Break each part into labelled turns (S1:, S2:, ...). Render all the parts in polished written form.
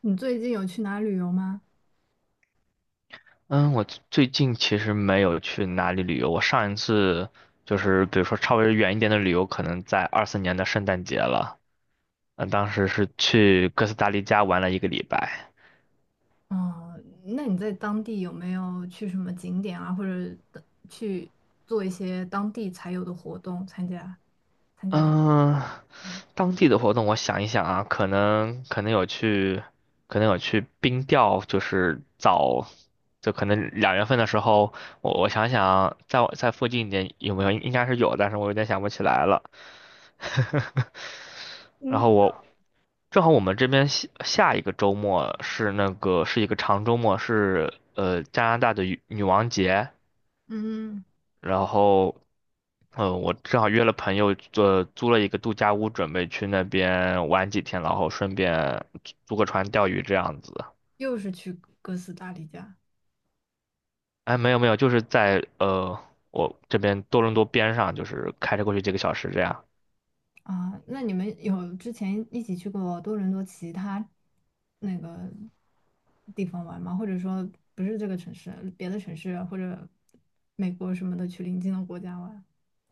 S1: 你最近有去哪旅游吗？
S2: 嗯，我最近其实没有去哪里旅游。我上一次就是，比如说稍微远一点的旅游，可能在24年的圣诞节了。当时是去哥斯达黎加玩了一个礼拜。
S1: 哦，那你在当地有没有去什么景点啊，或者的去做一些当地才有的活动，参加？
S2: 嗯，当地的活动，我想一想啊，可能有去，可能有去冰钓，就是早，就可能2月份的时候，我想想啊，在附近一点有没有，应该是有，但是我有点想不起来了。然
S1: 嗯，
S2: 后我正好我们这边下一个周末是一个长周末，是加拿大的女王节，
S1: 嗯，
S2: 然后我正好约了朋友租了一个度假屋，准备去那边玩几天，然后顺便租个船钓鱼这样子。
S1: 又是去哥斯达黎加
S2: 哎，没有没有，就是在我这边多伦多边上，就是开车过去几个小时这样。
S1: 啊？那你们有之前一起去过多伦多其他那个地方玩吗？或者说不是这个城市，别的城市或者美国什么的去邻近的国家玩？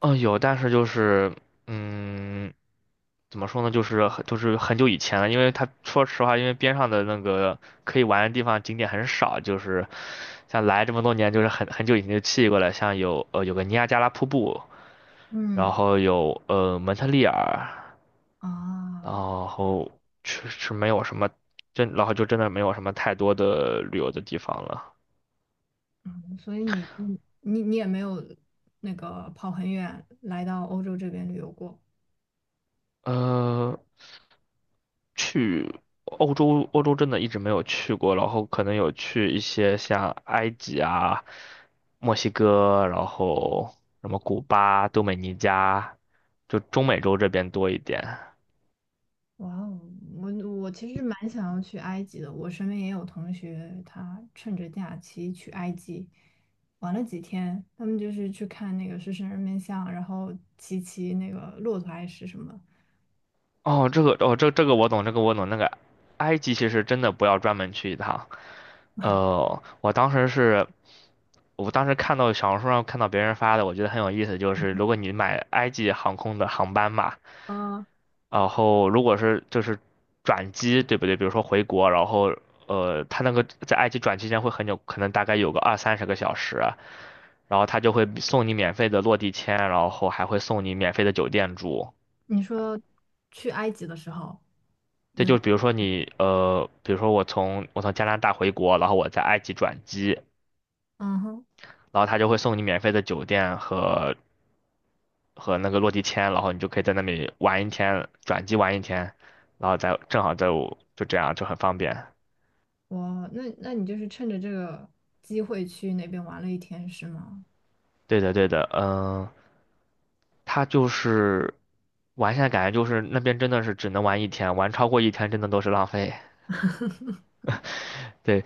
S2: 嗯、有，但是就是嗯，怎么说呢，就是很久以前了，因为他说实话，因为边上的那个可以玩的地方景点很少，就是像来这么多年，就是很久以前就去过了，像有个尼亚加拉瀑布，
S1: 嗯
S2: 然后有蒙特利尔，然
S1: 啊，
S2: 后确实没有什么，然后就真的没有什么太多的旅游的地方了。
S1: 所以你也没有那个跑很远来到欧洲这边旅游过。
S2: 呃，欧洲真的一直没有去过，然后可能有去一些像埃及啊、墨西哥，然后什么古巴、多美尼加，就中美洲这边多一点。
S1: 哇哦，我我其实蛮想要去埃及的，我身边也有同学，他趁着假期去埃及玩了几天，他们就是去看那个狮身人面像，然后骑那个骆驼还是什么。
S2: 哦，这个我懂，这个我懂。那个埃及其实真的不要专门去一趟。呃，我当时是，我当时看到小红书上看到别人发的，我觉得很有意思，就是如果你买埃及航空的航班嘛，
S1: 啊，
S2: 然后如果是就是转机，对不对？比如说回国，然后他那个在埃及转期间会很久，可能大概有个二三十个小时啊，然后他就会送你免费的落地签，然后还会送你免费的酒店住。
S1: 你说去埃及的时候有，
S2: 这就比如说你比如说我从加拿大回国，然后我在埃及转机。
S1: 嗯哼，
S2: 然后他就会送你免费的酒店和和那个落地签，然后你就可以在那里玩一天，转机玩一天，然后再正好再，就这样就很方便。
S1: 那你就是趁着这个机会去那边玩了一天是吗？
S2: 对的，对的，嗯，他就是玩下来感觉就是那边真的是只能玩一天，玩超过一天真的都是浪费。对，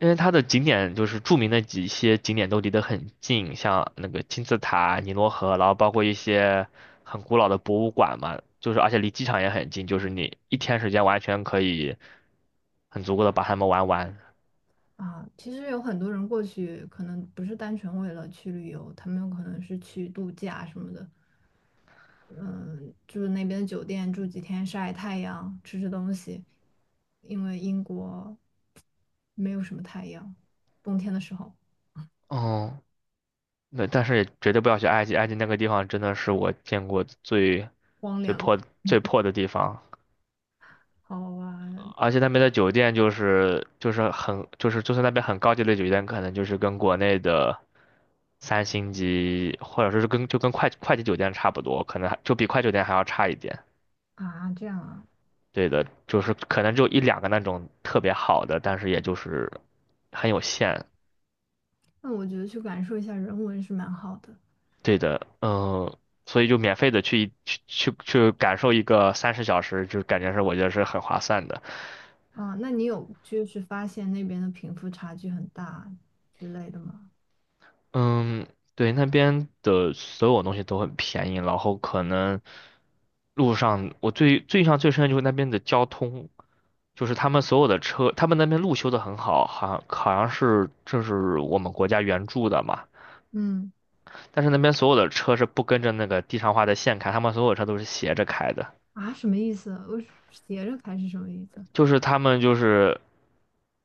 S2: 因为它的景点就是著名的几些景点都离得很近，像那个金字塔、尼罗河，然后包括一些很古老的博物馆嘛，就是而且离机场也很近，就是你一天时间完全可以很足够的把它们玩完。
S1: 啊，其实有很多人过去，可能不是单纯为了去旅游，他们有可能是去度假什么的。嗯，住那边的酒店住几天，晒太阳，吃吃东西，因为英国没有什么太阳，冬天的时候
S2: 哦，那但是也绝对不要去埃及，埃及那个地方真的是我见过
S1: 荒
S2: 最
S1: 凉，
S2: 破最破的地方。
S1: 好玩
S2: 而且那边的酒店就是就是很就是就算那边很高级的酒店，可能就是跟国内的三星级或者说是跟快捷酒店差不多，可能还就比快捷酒店还要差一点。
S1: 啊，这样啊，
S2: 对的，就是可能就一两个那种特别好的，但是也就是很有限。
S1: 那我觉得去感受一下人文是蛮好的
S2: 对的，嗯，所以就免费的去感受一个30小时，就感觉是我觉得是很划算的。
S1: 啊。那你有就是发现那边的贫富差距很大之类的吗？
S2: 嗯，对，那边的所有东西都很便宜，然后可能路上我最印象最深的就是那边的交通，就是他们所有的车，他们那边路修的很好，好像是这是我们国家援助的嘛，
S1: 嗯。
S2: 但是那边所有的车是不跟着那个地上画的线开，他们所有车都是斜着开的，
S1: 啊，什么意思？我是斜着开是什么意思？
S2: 就是他们就是。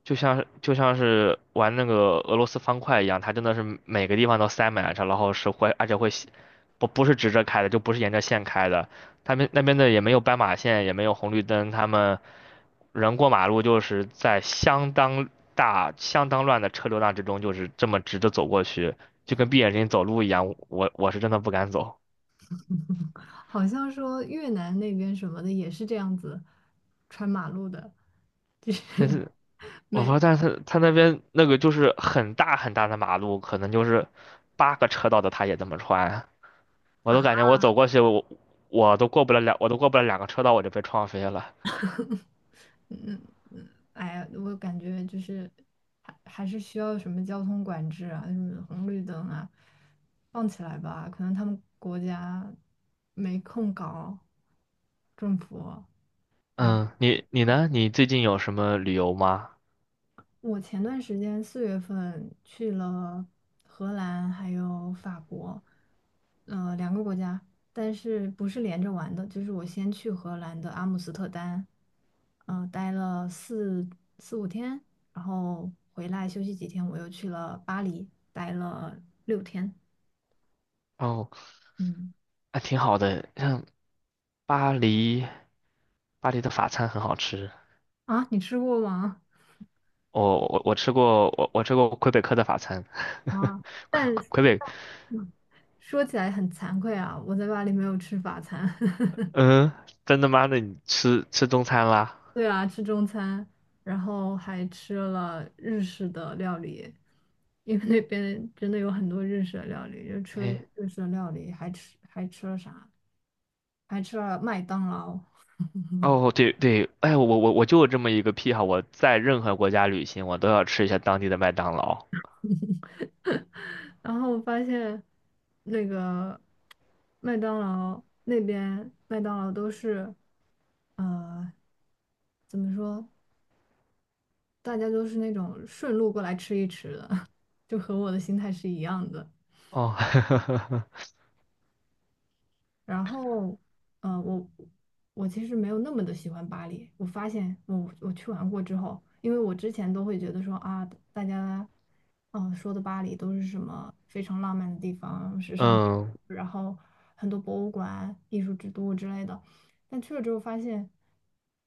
S2: 就像是玩那个俄罗斯方块一样，它真的是每个地方都塞满了，然后是会，而且会斜不是直着开的，就不是沿着线开的。他们那边的也没有斑马线，也没有红绿灯，他们人过马路就是在相当大、相当乱的车流量之中，就是这么直着走过去，就跟闭眼睛走路一样。我是真的不敢走，
S1: 好像说越南那边什么的也是这样子穿马路的，就是
S2: 但 是我不知
S1: 没
S2: 道，但是他那边那个就是很大很大的马路，可能就是8个车道的，他也这么穿。我
S1: 啊，
S2: 都感觉我走过去，我都过不了2个车道，我就被撞飞了。
S1: 嗯嗯，哎呀，我感觉就是还是需要什么交通管制啊，什么红绿灯啊，放起来吧，可能他们国家没空搞，政府哎。
S2: 嗯，你呢？你最近有什么旅游吗？
S1: 我前段时间4月份去了荷兰还有法国，呃，两个国家，但是不是连着玩的，就是我先去荷兰的阿姆斯特丹，待了四五天，然后回来休息几天，我又去了巴黎，待了6天。
S2: 哦，
S1: 嗯，
S2: 还挺好的，像巴黎，巴黎的法餐很好吃。
S1: 啊，你吃过吗？
S2: 我吃过，我吃过魁北克的法餐，
S1: 啊，
S2: 魁
S1: 但是，
S2: 魁北，
S1: 说起来很惭愧啊，我在巴黎没有吃法餐。
S2: 嗯，真的妈的，那你吃中餐啦？
S1: 对啊，吃中餐，然后还吃了日式的料理，因为那边真的有很多日式的料理，就吃了
S2: 哎，
S1: 日式的料理，还吃了啥？还吃了麦当劳。
S2: 哦，对对，哎，我就有这么一个癖好，我在任何国家旅行，我都要吃一下当地的麦当劳。
S1: 然后我发现那个麦当劳那边麦当劳都是，呃，怎么说？大家都是那种顺路过来吃一吃的，就和我的心态是一样的。
S2: 哦，
S1: 然后，呃，我我其实没有那么的喜欢巴黎。我发现我去玩过之后，因为我之前都会觉得说啊，大家说的巴黎都是什么非常浪漫的地方、时 尚，
S2: 嗯
S1: 然后很多博物馆、艺术之都之类的。但去了之后发现，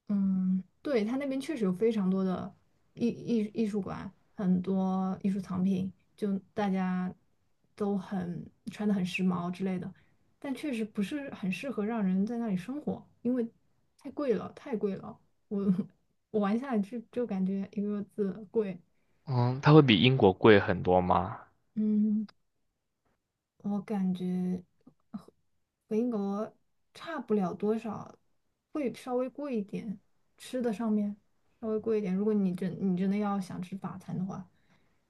S1: 嗯，对，它那边确实有非常多的艺术馆，很多艺术藏品，就大家都很穿的很时髦之类的，但确实不是很适合让人在那里生活，因为太贵了，太贵了。我 我玩下来就感觉一个字贵。
S2: 嗯，它会比英国贵很多吗？
S1: 嗯，我感觉和和英国差不了多少，会稍微贵一点，吃的上面稍微贵一点。如果你真的要想吃法餐的话，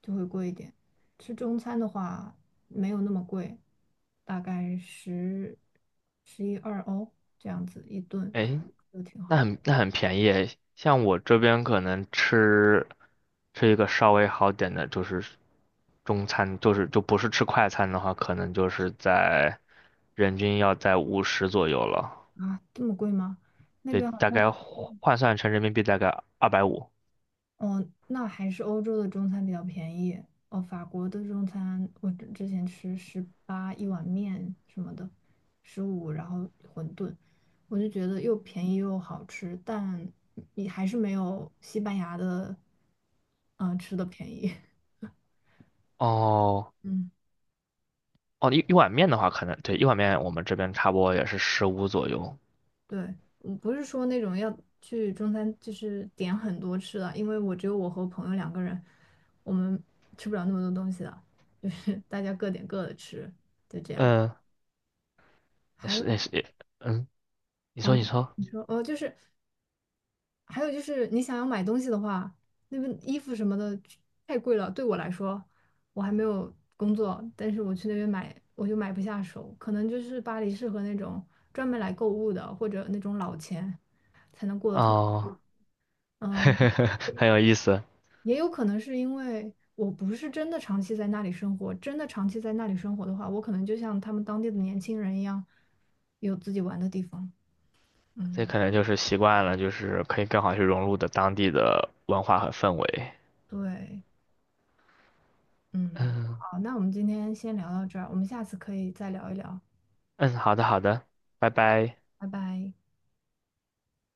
S1: 就会贵一点。吃中餐的话没有那么贵，大概十一二欧这样子一顿，可
S2: 诶，
S1: 以都挺
S2: 那
S1: 好
S2: 很那很便宜诶，像我这边可能吃一个稍微好点的，就是中餐，就不是吃快餐的话，可能就是在人均要在50左右了，
S1: 啊。这么贵吗？那
S2: 对，
S1: 边好
S2: 大
S1: 像。
S2: 概换算成人民币大概250。
S1: 哦，那还是欧洲的中餐比较便宜。哦，法国的中餐，我之前吃18一碗面什么的，15，然后馄饨，我就觉得又便宜又好吃，但你还是没有西班牙的，嗯、吃的便宜。
S2: 哦
S1: 嗯，
S2: 哦，一碗面的话，可能对一碗面我们这边差不多也是15左右。
S1: 对，我不是说那种要去中餐，就是点很多吃的，因为我只有我和朋友两个人，我们吃不了那么多东西的，就是大家各点各的吃，就这样。
S2: 嗯，也
S1: 还有。
S2: 是也是也，嗯，你说
S1: 哦，
S2: 你说。
S1: 你说，就是还有就是你想要买东西的话，那边衣服什么的太贵了。对我来说，我还没有工作，但是我去那边买，我就买不下手。可能就是巴黎适合那种专门来购物的，或者那种老钱才能过得特别。
S2: 哦，
S1: 嗯，
S2: 很有意思，
S1: 也有可能是因为我不是真的长期在那里生活，真的长期在那里生活的话，我可能就像他们当地的年轻人一样，有自己玩的地方。
S2: 这
S1: 嗯，
S2: 可能就是习惯了，就是可以更好去融入的当地的文化和氛围。
S1: 对。嗯，好，那我们今天先聊到这儿，我们下次可以再聊一聊，
S2: 嗯，好的，好的，拜拜。
S1: 拜拜。